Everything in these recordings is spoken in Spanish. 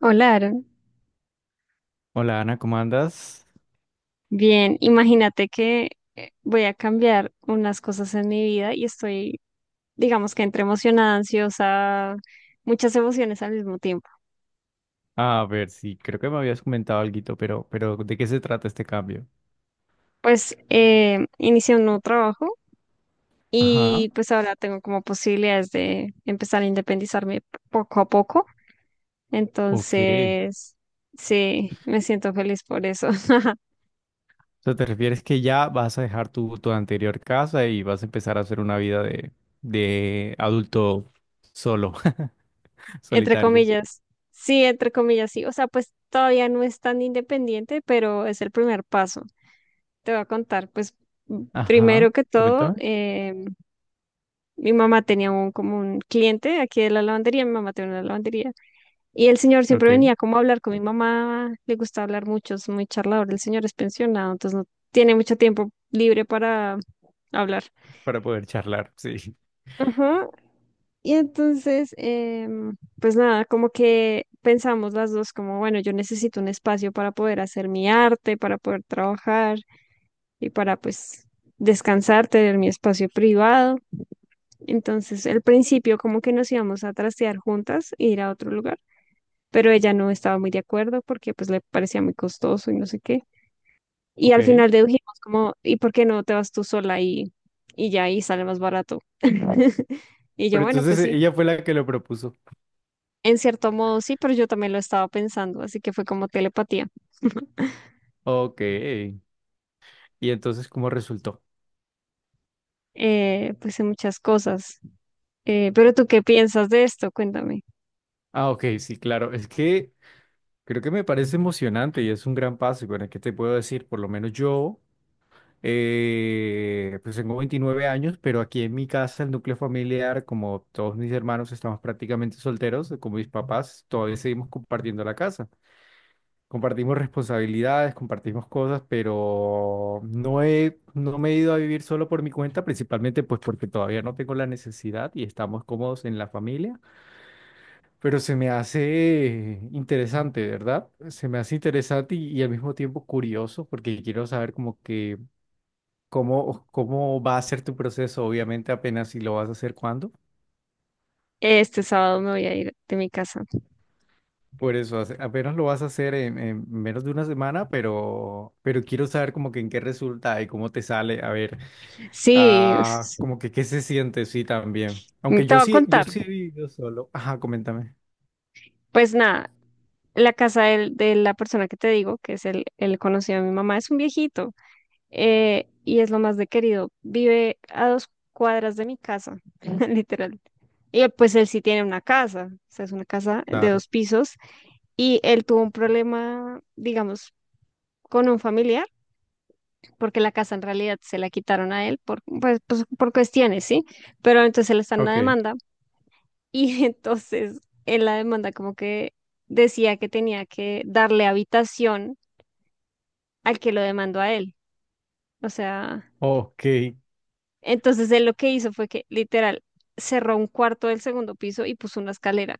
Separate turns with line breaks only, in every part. Hola, Aaron.
Hola Ana, ¿cómo andas?
Bien, imagínate que voy a cambiar unas cosas en mi vida y estoy, digamos que entre emocionada, ansiosa, muchas emociones al mismo tiempo.
A ver, sí, creo que me habías comentado alguito, pero ¿de qué se trata este cambio?
Pues inicié un nuevo trabajo
Ajá,
y pues ahora tengo como posibilidades de empezar a independizarme poco a poco.
ok.
Entonces, sí, me siento feliz por eso.
O sea, ¿te refieres que ya vas a dejar tu anterior casa y vas a empezar a hacer una vida de adulto solo,
Entre
solitario?
comillas. Sí, entre comillas, sí. O sea, pues todavía no es tan independiente, pero es el primer paso. Te voy a contar, pues
Ajá,
primero que todo,
coméntame.
mi mamá tenía un, como un cliente aquí de la lavandería, mi mamá tenía una lavandería, y el señor
Ok,
siempre venía como a hablar con mi mamá, le gusta hablar mucho, es muy charlador, el señor es pensionado, entonces no tiene mucho tiempo libre para hablar.
para poder charlar, sí.
Ajá. Y entonces, pues nada, como que pensamos las dos como, bueno, yo necesito un espacio para poder hacer mi arte, para poder trabajar y para pues descansar, tener mi espacio privado. Entonces, al principio como que nos íbamos a trastear juntas e ir a otro lugar, pero ella no estaba muy de acuerdo porque pues le parecía muy costoso y no sé qué. Y
Ok.
al
Pero
final dedujimos como, ¿y por qué no te vas tú sola y ya ahí sale más barato? Y yo, bueno,
entonces
pues sí,
ella fue la que lo propuso.
en cierto modo sí, pero yo también lo estaba pensando, así que fue como telepatía,
Ok. ¿Y entonces cómo resultó?
pues en muchas cosas. Pero tú, ¿qué piensas de esto? Cuéntame.
Ah, ok, sí, claro. Es que creo que me parece emocionante y es un gran paso. Y bueno, ¿qué te puedo decir? Por lo menos yo, pues tengo 29 años, pero aquí en mi casa, el núcleo familiar, como todos mis hermanos, estamos prácticamente solteros, como mis papás, todavía seguimos compartiendo la casa. Compartimos responsabilidades, compartimos cosas, pero no me he ido a vivir solo por mi cuenta, principalmente pues porque todavía no tengo la necesidad y estamos cómodos en la familia. Pero se me hace interesante, ¿verdad? Se me hace interesante y al mismo tiempo curioso porque quiero saber como que cómo va a ser tu proceso, obviamente apenas si lo vas a hacer cuándo.
Este sábado me voy a ir de mi casa.
Por eso, apenas lo vas a hacer en menos de una semana, pero quiero saber como que en qué resulta y cómo te sale, a ver,
Sí,
ah, como que qué se siente, sí, también. Aunque
te voy a
yo
contar.
sí he vivido solo. Ajá, coméntame.
Pues nada, la casa del- de la persona que te digo, que es el conocido de mi mamá, es un viejito y es lo más de querido. Vive a dos cuadras de mi casa, literal. Y pues él sí tiene una casa, o sea, es una casa de
Claro.
dos pisos y él tuvo un problema, digamos, con un familiar, porque la casa en realidad se la quitaron a él por, pues, pues, por cuestiones, ¿sí? Pero entonces él está en una
Ok.
demanda. Y entonces en la demanda como que decía que tenía que darle habitación al que lo demandó a él. O sea,
Ok,
entonces él lo que hizo fue que literal cerró un cuarto del segundo piso y puso una escalera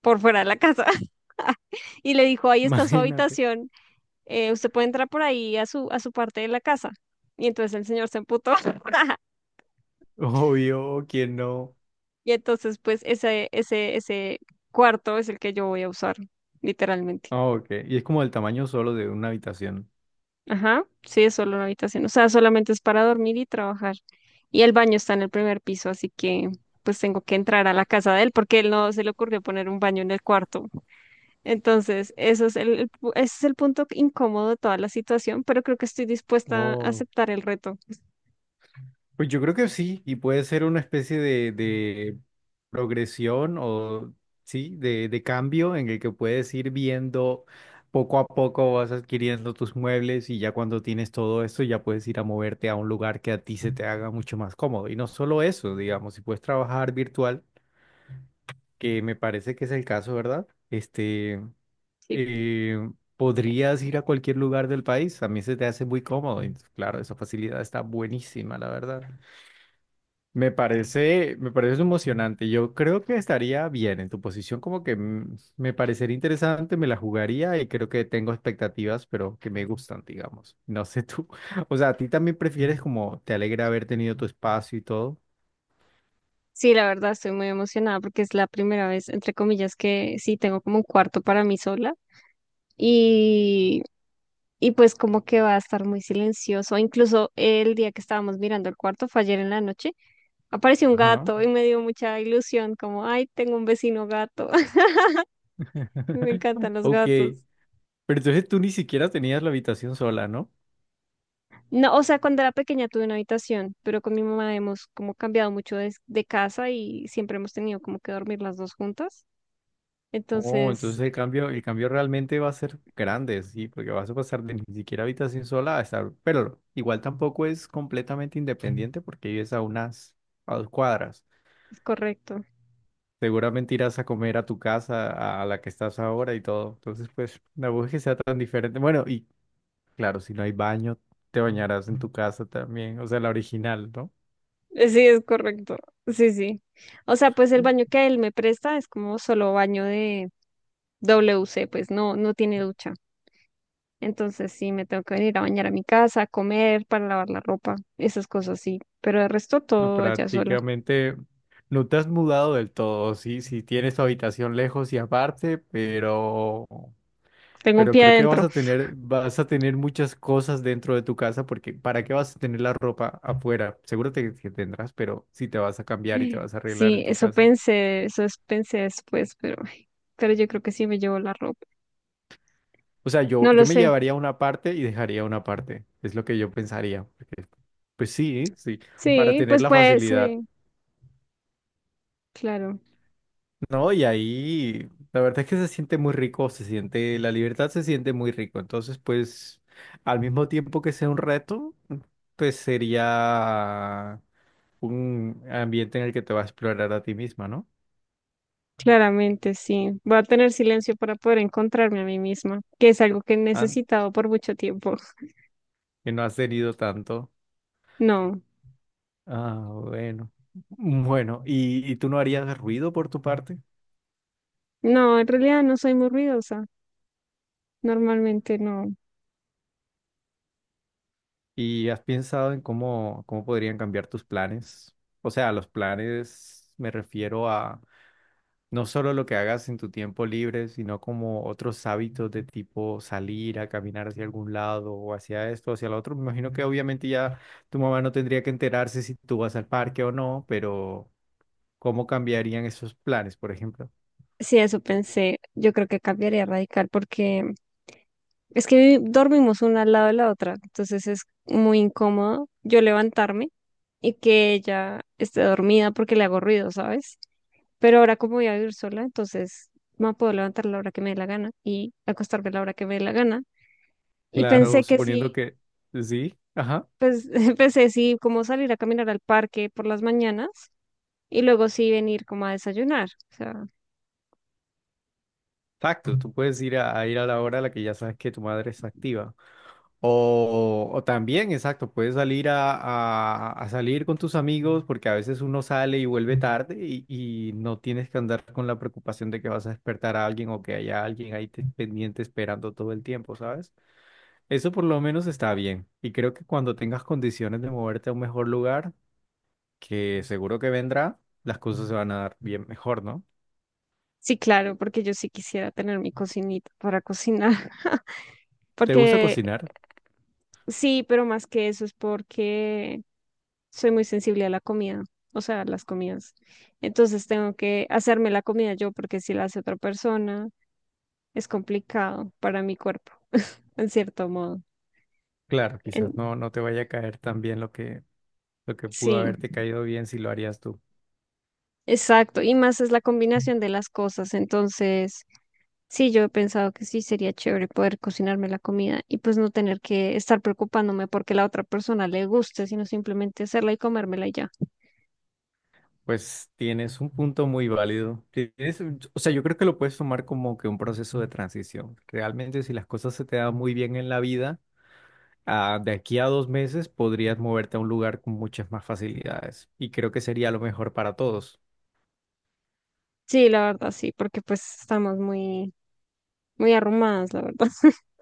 por fuera de la casa. Y le dijo, ahí está su
imagínate.
habitación, usted puede entrar por ahí a su parte de la casa. Y entonces el señor se emputó.
Obvio, ¿quién no?
Y entonces pues ese cuarto es el que yo voy a usar, literalmente.
Ah, ok. Y es como el tamaño solo de una habitación.
Ajá, sí, es solo una habitación. O sea, solamente es para dormir y trabajar. Y el baño está en el primer piso, así que pues tengo que entrar a la casa de él porque él no se le ocurrió poner un baño en el cuarto. Entonces, eso es el pu- ese es el punto incómodo de toda la situación, pero creo que estoy dispuesta a
Oh.
aceptar el reto.
Pues yo creo que sí, y puede ser una especie de progresión o sí, de cambio en el que puedes ir viendo poco a poco vas adquiriendo tus muebles y ya cuando tienes todo esto ya puedes ir a moverte a un lugar que a ti se te haga mucho más cómodo. Y no solo eso, digamos, si puedes trabajar virtual, que me parece que es el caso, ¿verdad? Este,
Sí,
eh, podrías ir a cualquier lugar del país, a mí se te hace muy cómodo. Y claro, esa facilidad está buenísima, la verdad. Me parece emocionante. Yo creo que estaría bien en tu posición, como que me parecería interesante, me la jugaría y creo que tengo expectativas, pero que me gustan, digamos. No sé tú. O sea, a ti también prefieres como te alegra haber tenido tu espacio y todo.
sí, la verdad estoy muy emocionada porque es la primera vez, entre comillas, que sí tengo como un cuarto para mí sola. Y y pues como que va a estar muy silencioso. Incluso el día que estábamos mirando el cuarto fue ayer en la noche apareció un
Ajá.
gato y me dio mucha ilusión, como, ay, tengo un vecino gato, me encantan los
Ok.
gatos.
Pero entonces tú ni siquiera tenías la habitación sola, ¿no?
No, o sea, cuando era pequeña tuve una habitación, pero con mi mamá hemos como cambiado mucho de casa y siempre hemos tenido como que dormir las dos juntas.
Oh,
Entonces,
entonces el cambio realmente va a ser grande, sí, porque vas a pasar de ni siquiera habitación sola a estar, pero igual tampoco es completamente independiente porque a 2 cuadras.
es correcto.
Seguramente irás a comer a tu casa, a la que estás ahora y todo. Entonces, pues, tampoco es que sea tan diferente. Bueno, y claro, si no hay baño, te bañarás en tu casa también, o sea, la original, ¿no?
Sí, es correcto. Sí, sí. O sea, pues el baño que él me presta es como solo baño de WC, pues no, no tiene ducha. Entonces sí, me tengo que venir a bañar a mi casa, a comer, para lavar la ropa, esas cosas sí. Pero el resto todo allá sola.
Prácticamente no te has mudado del todo, sí, sí tienes tu habitación lejos y aparte, pero...
Tengo un
Pero
pie
creo que
adentro.
vas a tener muchas cosas dentro de tu casa porque ¿para qué vas a tener la ropa afuera? Seguro que tendrás, pero si te vas a cambiar y te vas a arreglar
Sí,
en tu
eso
casa.
pensé, eso es- pensé después, pero, ay, pero yo creo que sí me llevo la ropa.
O sea,
No lo
yo me
sé.
llevaría una parte y dejaría una parte. Es lo que yo pensaría, porque, sí, para
Sí,
tener
pues
la
puede,
facilidad.
sí, claro.
No, y ahí la verdad es que se siente muy rico, se siente, la libertad se siente muy rico. Entonces, pues, al mismo tiempo que sea un reto, pues sería un ambiente en el que te vas a explorar a ti misma, ¿no?
Claramente sí. Voy a tener silencio para poder encontrarme a mí misma, que es algo que he
Ah,
necesitado por mucho tiempo.
que no has tenido tanto.
No,
Ah, bueno. Bueno, y tú no harías ruido por tu parte?
no, en realidad no soy muy ruidosa. Normalmente no.
¿Y has pensado en cómo, cómo podrían cambiar tus planes? O sea, los planes me refiero a no solo lo que hagas en tu tiempo libre, sino como otros hábitos de tipo salir a caminar hacia algún lado o hacia esto, hacia lo otro. Me imagino que obviamente ya tu mamá no tendría que enterarse si tú vas al parque o no, pero... ¿Cómo cambiarían esos planes, por ejemplo?
Sí, eso pensé. Yo creo que cambiaría radical porque es que vi- dormimos una al lado de la otra, entonces es muy incómodo yo levantarme y que ella esté dormida porque le hago ruido, ¿sabes? Pero ahora como voy a vivir sola, entonces me puedo levantar a la hora que me dé la gana y acostarme a la hora que me dé la gana. Y
Claro, mm,
pensé que sí,
suponiendo que sí, ajá,
pues pensé sí, como salir a caminar al parque por las mañanas y luego sí venir como a desayunar.
exacto, tú puedes ir a ir a la hora a la que ya sabes que tu madre está activa. O también, exacto, puedes salir a salir con tus amigos porque a veces uno sale y vuelve tarde y no tienes que andar con la preocupación de que vas a despertar a alguien o que haya alguien ahí pendiente esperando todo el tiempo, ¿sabes? Eso por lo menos está bien. Y creo que cuando tengas condiciones de moverte a un mejor lugar, que seguro que vendrá, las cosas se van a dar bien mejor, ¿no?
Sí, claro, porque yo sí quisiera tener mi cocinita para cocinar.
¿Te gusta
Porque
cocinar?
sí, pero más que eso es porque soy muy sensible a la comida, o sea, a las comidas. Entonces tengo que hacerme la comida yo, porque si la hace otra persona, es complicado para mi cuerpo, en cierto modo.
Claro, quizás
En-
no te vaya a caer tan bien lo que pudo
sí,
haberte caído bien si lo harías tú.
exacto. Y más es la combinación de las cosas. Entonces, sí, yo he pensado que sí sería chévere poder cocinarme la comida y pues no tener que estar preocupándome porque la otra persona le guste, sino simplemente hacerla y comérmela y ya.
Pues tienes un punto muy válido. O sea, yo creo que lo puedes tomar como que un proceso de transición. Realmente, si las cosas se te dan muy bien en la vida, ah, de aquí a 2 meses podrías moverte a un lugar con muchas más facilidades. Y creo que sería lo mejor para todos.
Sí, la verdad, sí, porque pues estamos muy, muy arrumadas, la verdad.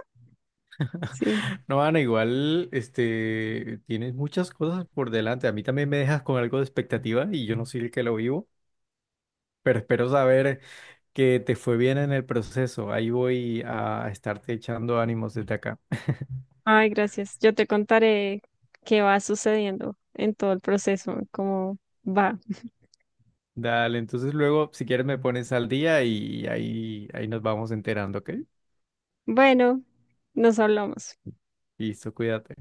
Sí.
No, Ana, igual, este, tienes muchas cosas por delante. A mí también me dejas con algo de expectativa y yo no soy el que lo vivo, pero espero saber que te fue bien en el proceso. Ahí voy a estarte echando ánimos desde acá.
Ay, gracias. Yo te contaré qué va sucediendo en todo el proceso, cómo va.
Dale, entonces luego, si quieres, me pones al día y ahí nos vamos enterando, ¿ok?
Bueno, nos hablamos.
Listo, cuídate.